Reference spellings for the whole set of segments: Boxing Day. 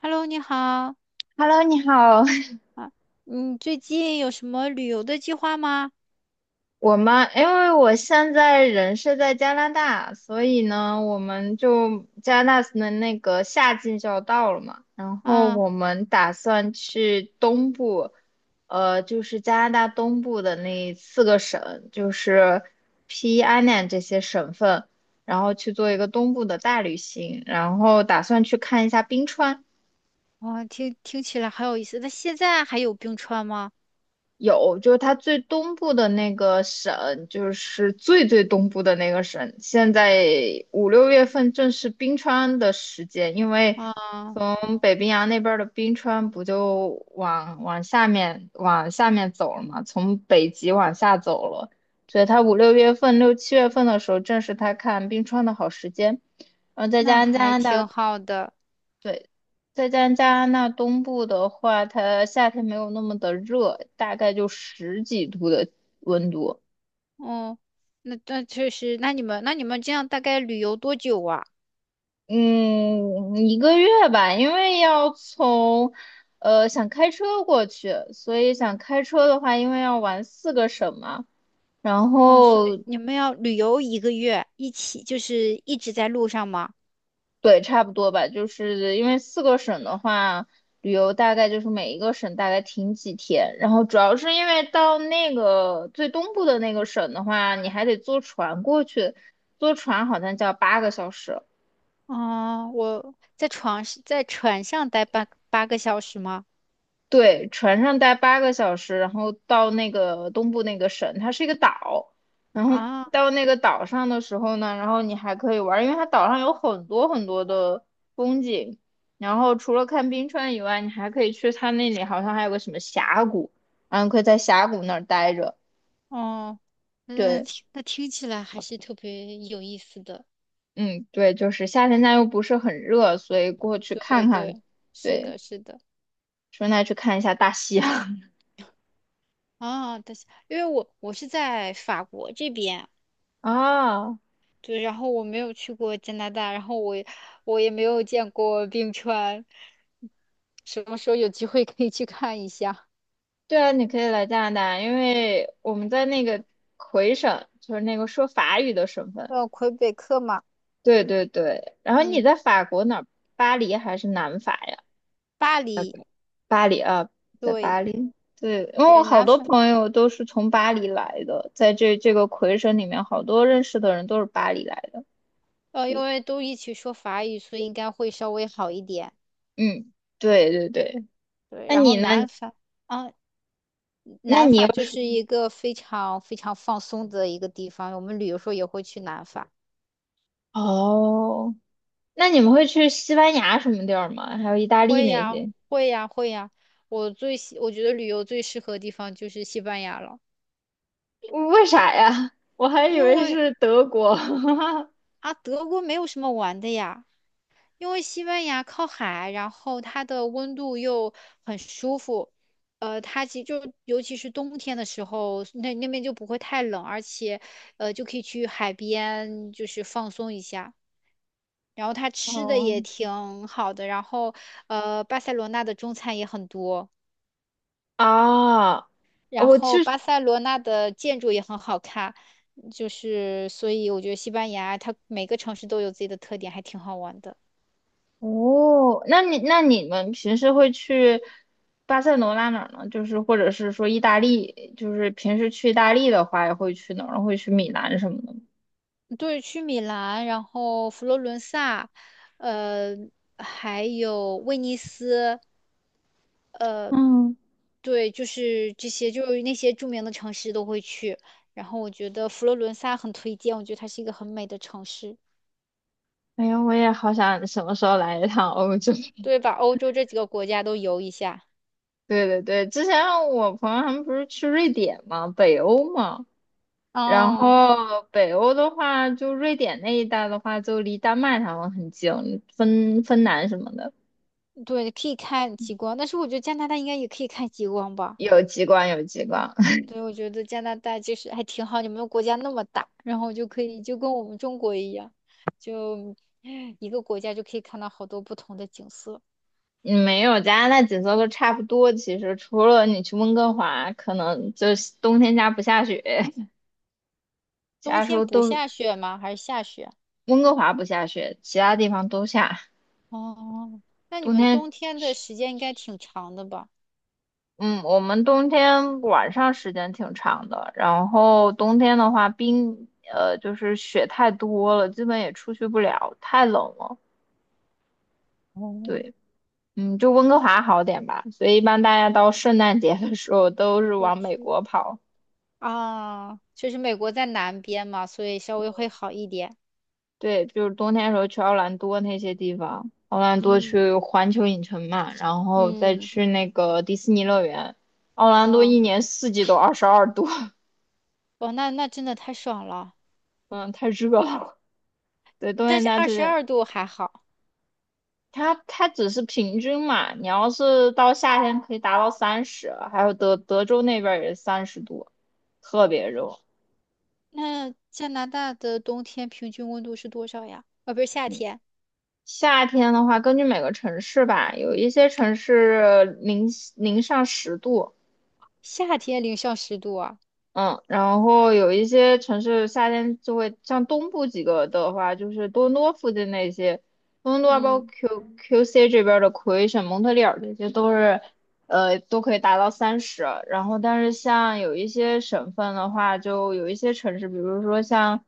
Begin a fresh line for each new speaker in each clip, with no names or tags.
Hello，你好
Hello，你好。
啊，你最近有什么旅游的计划吗？
我们因为我现在人是在加拿大，所以呢，我们就加拿大的那个夏季就要到了嘛，然后
啊，
我们打算去东部，就是加拿大东部的那四个省，就是西安 i 这些省份，然后去做一个东部的大旅行，然后打算去看一下冰川。
哇，听起来很有意思。那现在还有冰川吗？
有，就是它最东部的那个省，就是最最东部的那个省。现在五六月份正是冰川的时间，因为
啊，
从北冰洋那边儿的冰川不就往下面走了嘛，从北极往下走了，所以它五六月份、六七月份的时候，正是它看冰川的好时间。然后再加
那
上加
还
拿
挺
大
好的。
对，再加上加拿大东部的话，它夏天没有那么的热，大概就十几度的温度。
哦，那确实，那你们这样大概旅游多久啊？
嗯，一个月吧，因为要从，想开车过去，所以想开车的话，因为要玩四个省嘛，然
啊，所以
后
你们要旅游一个月，一起就是一直在路上吗？
对，差不多吧，就是因为四个省的话，旅游大概就是每一个省大概停几天，然后主要是因为到那个最东部的那个省的话，你还得坐船过去，坐船好像就要八个小时，
啊，我在床在船上待八个小时吗？
对，船上待八个小时，然后到那个东部那个省，它是一个岛。然后
啊。
到那个岛上的时候呢，然后你还可以玩儿因为它岛上有很多很多的风景。然后除了看冰川以外，你还可以去它那里，好像还有个什么峡谷，然后可以在峡谷那儿待着。
哦，那
对，
听那听起来还是特别有意思的。
嗯，对，就是夏天家又不是很热，所以过去
对
看看。
对，是
对，
的，是的。
顺带去看一下大西洋
啊，但是因为我是在法国这边，
啊。
对，然后我没有去过加拿大，然后我也没有见过冰川，什么时候有机会可以去看一下？
对啊，你可以来加拿大，因为我们在那个魁省，就是那个说法语的省份。
魁北克嘛，
对对对，然后你
嗯，
在法国哪儿？巴黎还是南法呀？
巴黎，
巴黎啊，在
对，
巴黎。对，因为我
对，
好
南
多
法，
朋友都是从巴黎来的，在这个魁省里面，好多认识的人都是巴黎来的。
因
对，
为都一起说法语，所以应该会稍微好一点。
嗯，对对对。
对，
那
然后
你呢？
南法，啊，
那
南
你又
法就
是
是一个非常非常放松的一个地方，我们旅游时候也会去南法。
哦，那你们会去西班牙什么地儿吗？还有意大利
会
那
呀，
些？
会呀，会呀。我最喜，我觉得旅游最适合的地方就是西班牙了，
为啥呀？我还以
因
为
为
是德国
啊，德国没有什么玩的呀，因为西班牙靠海，然后它的温度又很舒服，它其实就尤其是冬天的时候，那那边就不会太冷，而且就可以去海边就是放松一下。然后他吃的也
哦
挺好的，然后巴塞罗那的中餐也很多，
啊，
然
我
后
去
巴塞罗那的建筑也很好看，就是所以我觉得西班牙它每个城市都有自己的特点，还挺好玩的。
哦，那你那你们平时会去巴塞罗那哪儿呢？就是或者是说意大利，就是平时去意大利的话，也会去哪儿？会去米兰什么的吗
对，去米兰，然后佛罗伦萨，呃，还有威尼斯，
嗯，
对，就是这些，就是那些著名的城市都会去。然后我觉得佛罗伦萨很推荐，我觉得它是一个很美的城市。
哎呀，我也好想什么时候来一趟欧洲。
对，把欧洲这几个国家都游一下。
对对对，之前我朋友他们不是去瑞典吗？北欧吗？然
嗯，
后北欧的话，就瑞典那一带的话，就离丹麦他们很近，芬兰什么的
对，可以看极光，但是我觉得加拿大应该也可以看极光吧？
有极光，有极光。
对，我觉得加拿大就是还挺好，你们国家那么大，然后就可以就跟我们中国一样，就 一个国家就可以看到好多不同的景色。
嗯没有加拿大景色都差不多，其实除了你去温哥华，可能就是冬天家不下雪，其
冬
他时
天
候
不
都
下雪吗？还是下雪？
温哥华不下雪，其他地方都下。
哦，那你
冬
们
天，
冬天的时间应该挺长的吧？
嗯，我们冬天晚上时间挺长的，然后冬天的话冰，就是雪太多了，基本也出去不了，太冷了。
哦，
对，嗯，就温哥华好点吧，所以一般大家到圣诞节的时候都是
我
往美
去，
国跑。
啊，就是美国在南边嘛，所以稍微会好一点。
对，就是冬天的时候去奥兰多那些地方，奥兰多
嗯。
去环球影城嘛，然后再
嗯，
去那个迪士尼乐园。奥兰多
哦，
一年四季都22度，
哇，那那真的太爽了。
嗯，太热了。对，冬
但
天
是
家
二
就
十
是
二度还好。
它，它只是平均嘛，你要是到夏天可以达到三十，还有德州那边儿也30度，特别热。
那加拿大的冬天平均温度是多少呀？啊，不是夏天，
夏天的话，根据每个城市吧，有一些城市零上十度，
夏天零上10度啊。
嗯，然后有一些城市夏天就会，像东部几个的话，就是多伦多附近那些，多伦多啊包括
嗯，
QC 这边儿的魁省、蒙特利尔这些都是，都可以达到三十。然后，但是像有一些省份的话，就有一些城市，比如说像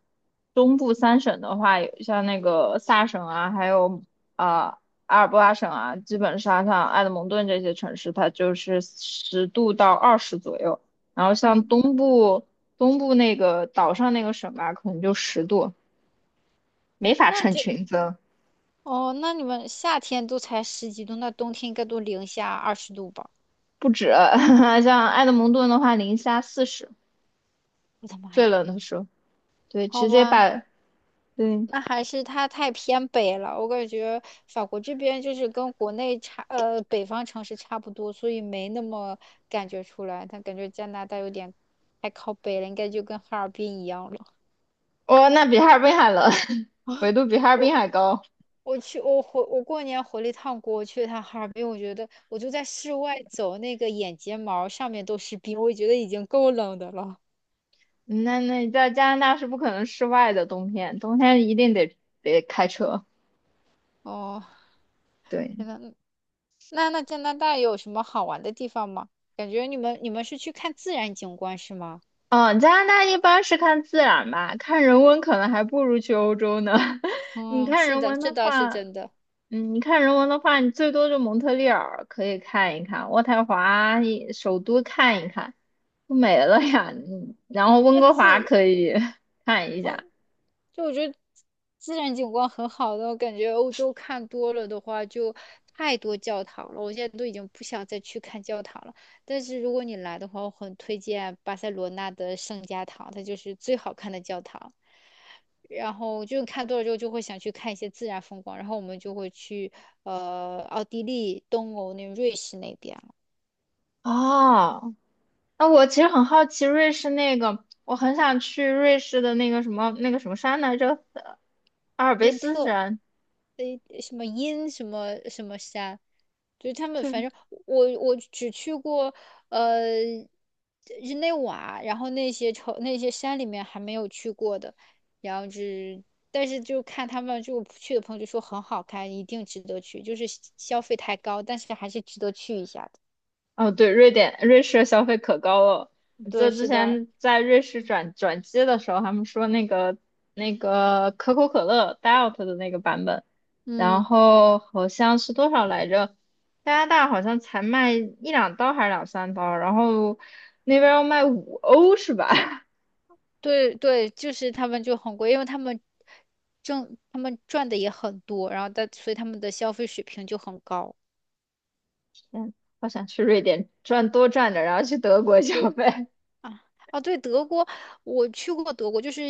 东部三省的话，有像那个萨省啊，还有啊、阿尔伯拉省啊，基本上像埃德蒙顿这些城市，它就是10度到20左右。然后
哇，
像
那
东部东部那个岛上那个省吧，可能就十度，没法
那
穿
这
裙子，
哦，那你们夏天都才十几度，那冬天应该都零下20度吧？
不止。像埃德蒙顿的话，零下40，
我的妈
最
呀！
冷的时候，对，
好
直接
吧，
把，对，
那还是它太偏北了，我感觉法国这边就是跟国内差，北方城市差不多，所以没那么感觉出来。但感觉加拿大有点太靠北了，应该就跟哈尔滨一样了。
哦，那比哈尔滨还冷，纬度比哈尔滨
我
还高。
我过年回了一趟国，我去了趟哈尔滨，我觉得我就在室外走，那个眼睫毛上面都是冰，我觉得已经够冷的了。
那你在加拿大是不可能室外的，冬天一定得开车。
哦，
对，
天呐，那加拿大有什么好玩的地方吗？感觉你们是去看自然景观是吗？
嗯，加拿大一般是看自然吧，看人文可能还不如去欧洲呢。你
嗯，
看
是
人
的，
文
这
的
倒是
话。
真的。
嗯，你看人文的话，你最多就蒙特利尔可以看一看，渥太华也首都看一看，就没了呀。嗯，然后温
那
哥华
自，
可以 看一
哦，
下。
就我觉得自然景观很好的，我感觉欧洲看多了的话，就太多教堂了。我现在都已经不想再去看教堂了。但是如果你来的话，我很推荐巴塞罗那的圣家堂，它就是最好看的教堂。然后就看多了之后，就会想去看一些自然风光。然后我们就会去奥地利、东欧那瑞士那边。
哦，那我其实很好奇瑞士那个，我很想去瑞士的那个什么那个什么山来着，阿尔卑斯山，
什么阴什么什么山，就是他们
就
反正我只去过呃日内瓦，然后那些城那些山里面还没有去过的，然后就是但是就看他们就去的朋友就说很好看，一定值得去，就是消费太高，但是还是值得去一下的。
哦，对，瑞典、瑞士的消费可高了。我记
对，
得之
是的。
前在瑞士转机的时候，他们说那个那个可口可乐 Diet 的那个版本，然
嗯，
后好像是多少来着？加拿大好像才卖一两刀还是两三刀，然后那边要卖五欧是吧？
对对，就是他们就很贵，因为他们赚的也很多，然后所以他们的消费水平就很高。
天，好想去瑞典赚多赚点，然后去德国消
对。
费。
啊啊，对，德国，我去过德国，就是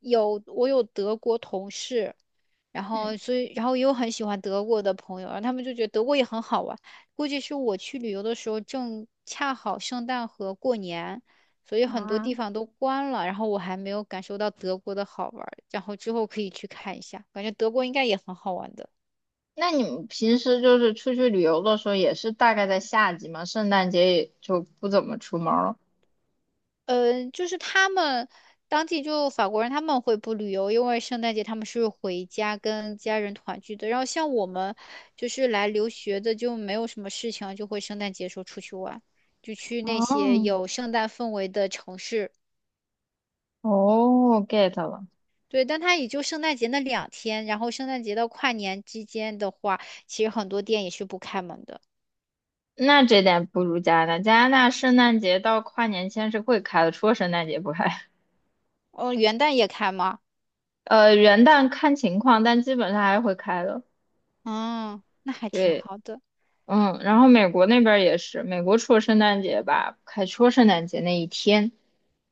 我有德国同事，然
嗯，
后所以然后也有很喜欢德国的朋友，然后他们就觉得德国也很好玩。估计是我去旅游的时候正恰好圣诞和过年，所以很多地
啊。
方都关了，然后我还没有感受到德国的好玩儿然后之后可以去看一下，感觉德国应该也很好玩的。
那你们平时就是出去旅游的时候，也是大概在夏季嘛？圣诞节也就不怎么出门了。
就是他们当地就法国人他们会不旅游，因为圣诞节他们是回家跟家人团聚的。然后像我们就是来留学的，就没有什么事情，就会圣诞节时候出去玩，就去那些
哦，
有圣诞氛围的城市。
哦，get 了。
对，但它也就圣诞节那两天，然后圣诞节到跨年之间的话，其实很多店也是不开门的。
那这点不如加拿大。加拿大圣诞节到跨年前是会开的，除了圣诞节不开。
哦，元旦也开吗？
元旦看情况，但基本上还是会开的。
嗯，那还挺
对。
好的。
嗯，然后美国那边儿也是，美国除了圣诞节吧，不开除了圣诞节那一天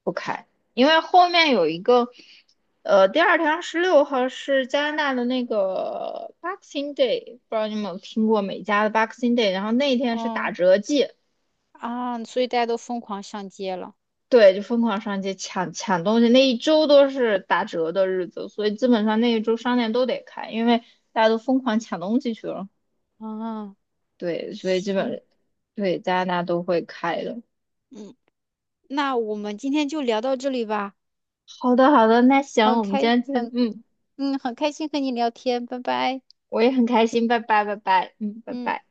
不开，因为后面有一个，呃，第二天26号是加拿大的那个 Boxing Day，不知道你们有听过美加的 Boxing Day，然后那一天是打
哦
折季，
啊，所以大家都疯狂上街了。
对，就疯狂上街抢东西，那一周都是打折的日子，所以基本上那一周商店都得开，因为大家都疯狂抢东西去了，
啊。
对，所以基
行，
本对加拿大都会开的。
嗯，那我们今天就聊到这里吧，
好的，好的，那行，
很
我们今
开，
天就，
很，
嗯，
很开心和你聊天，拜拜。
我也很开心，拜拜，拜拜，嗯，拜
嗯。
拜。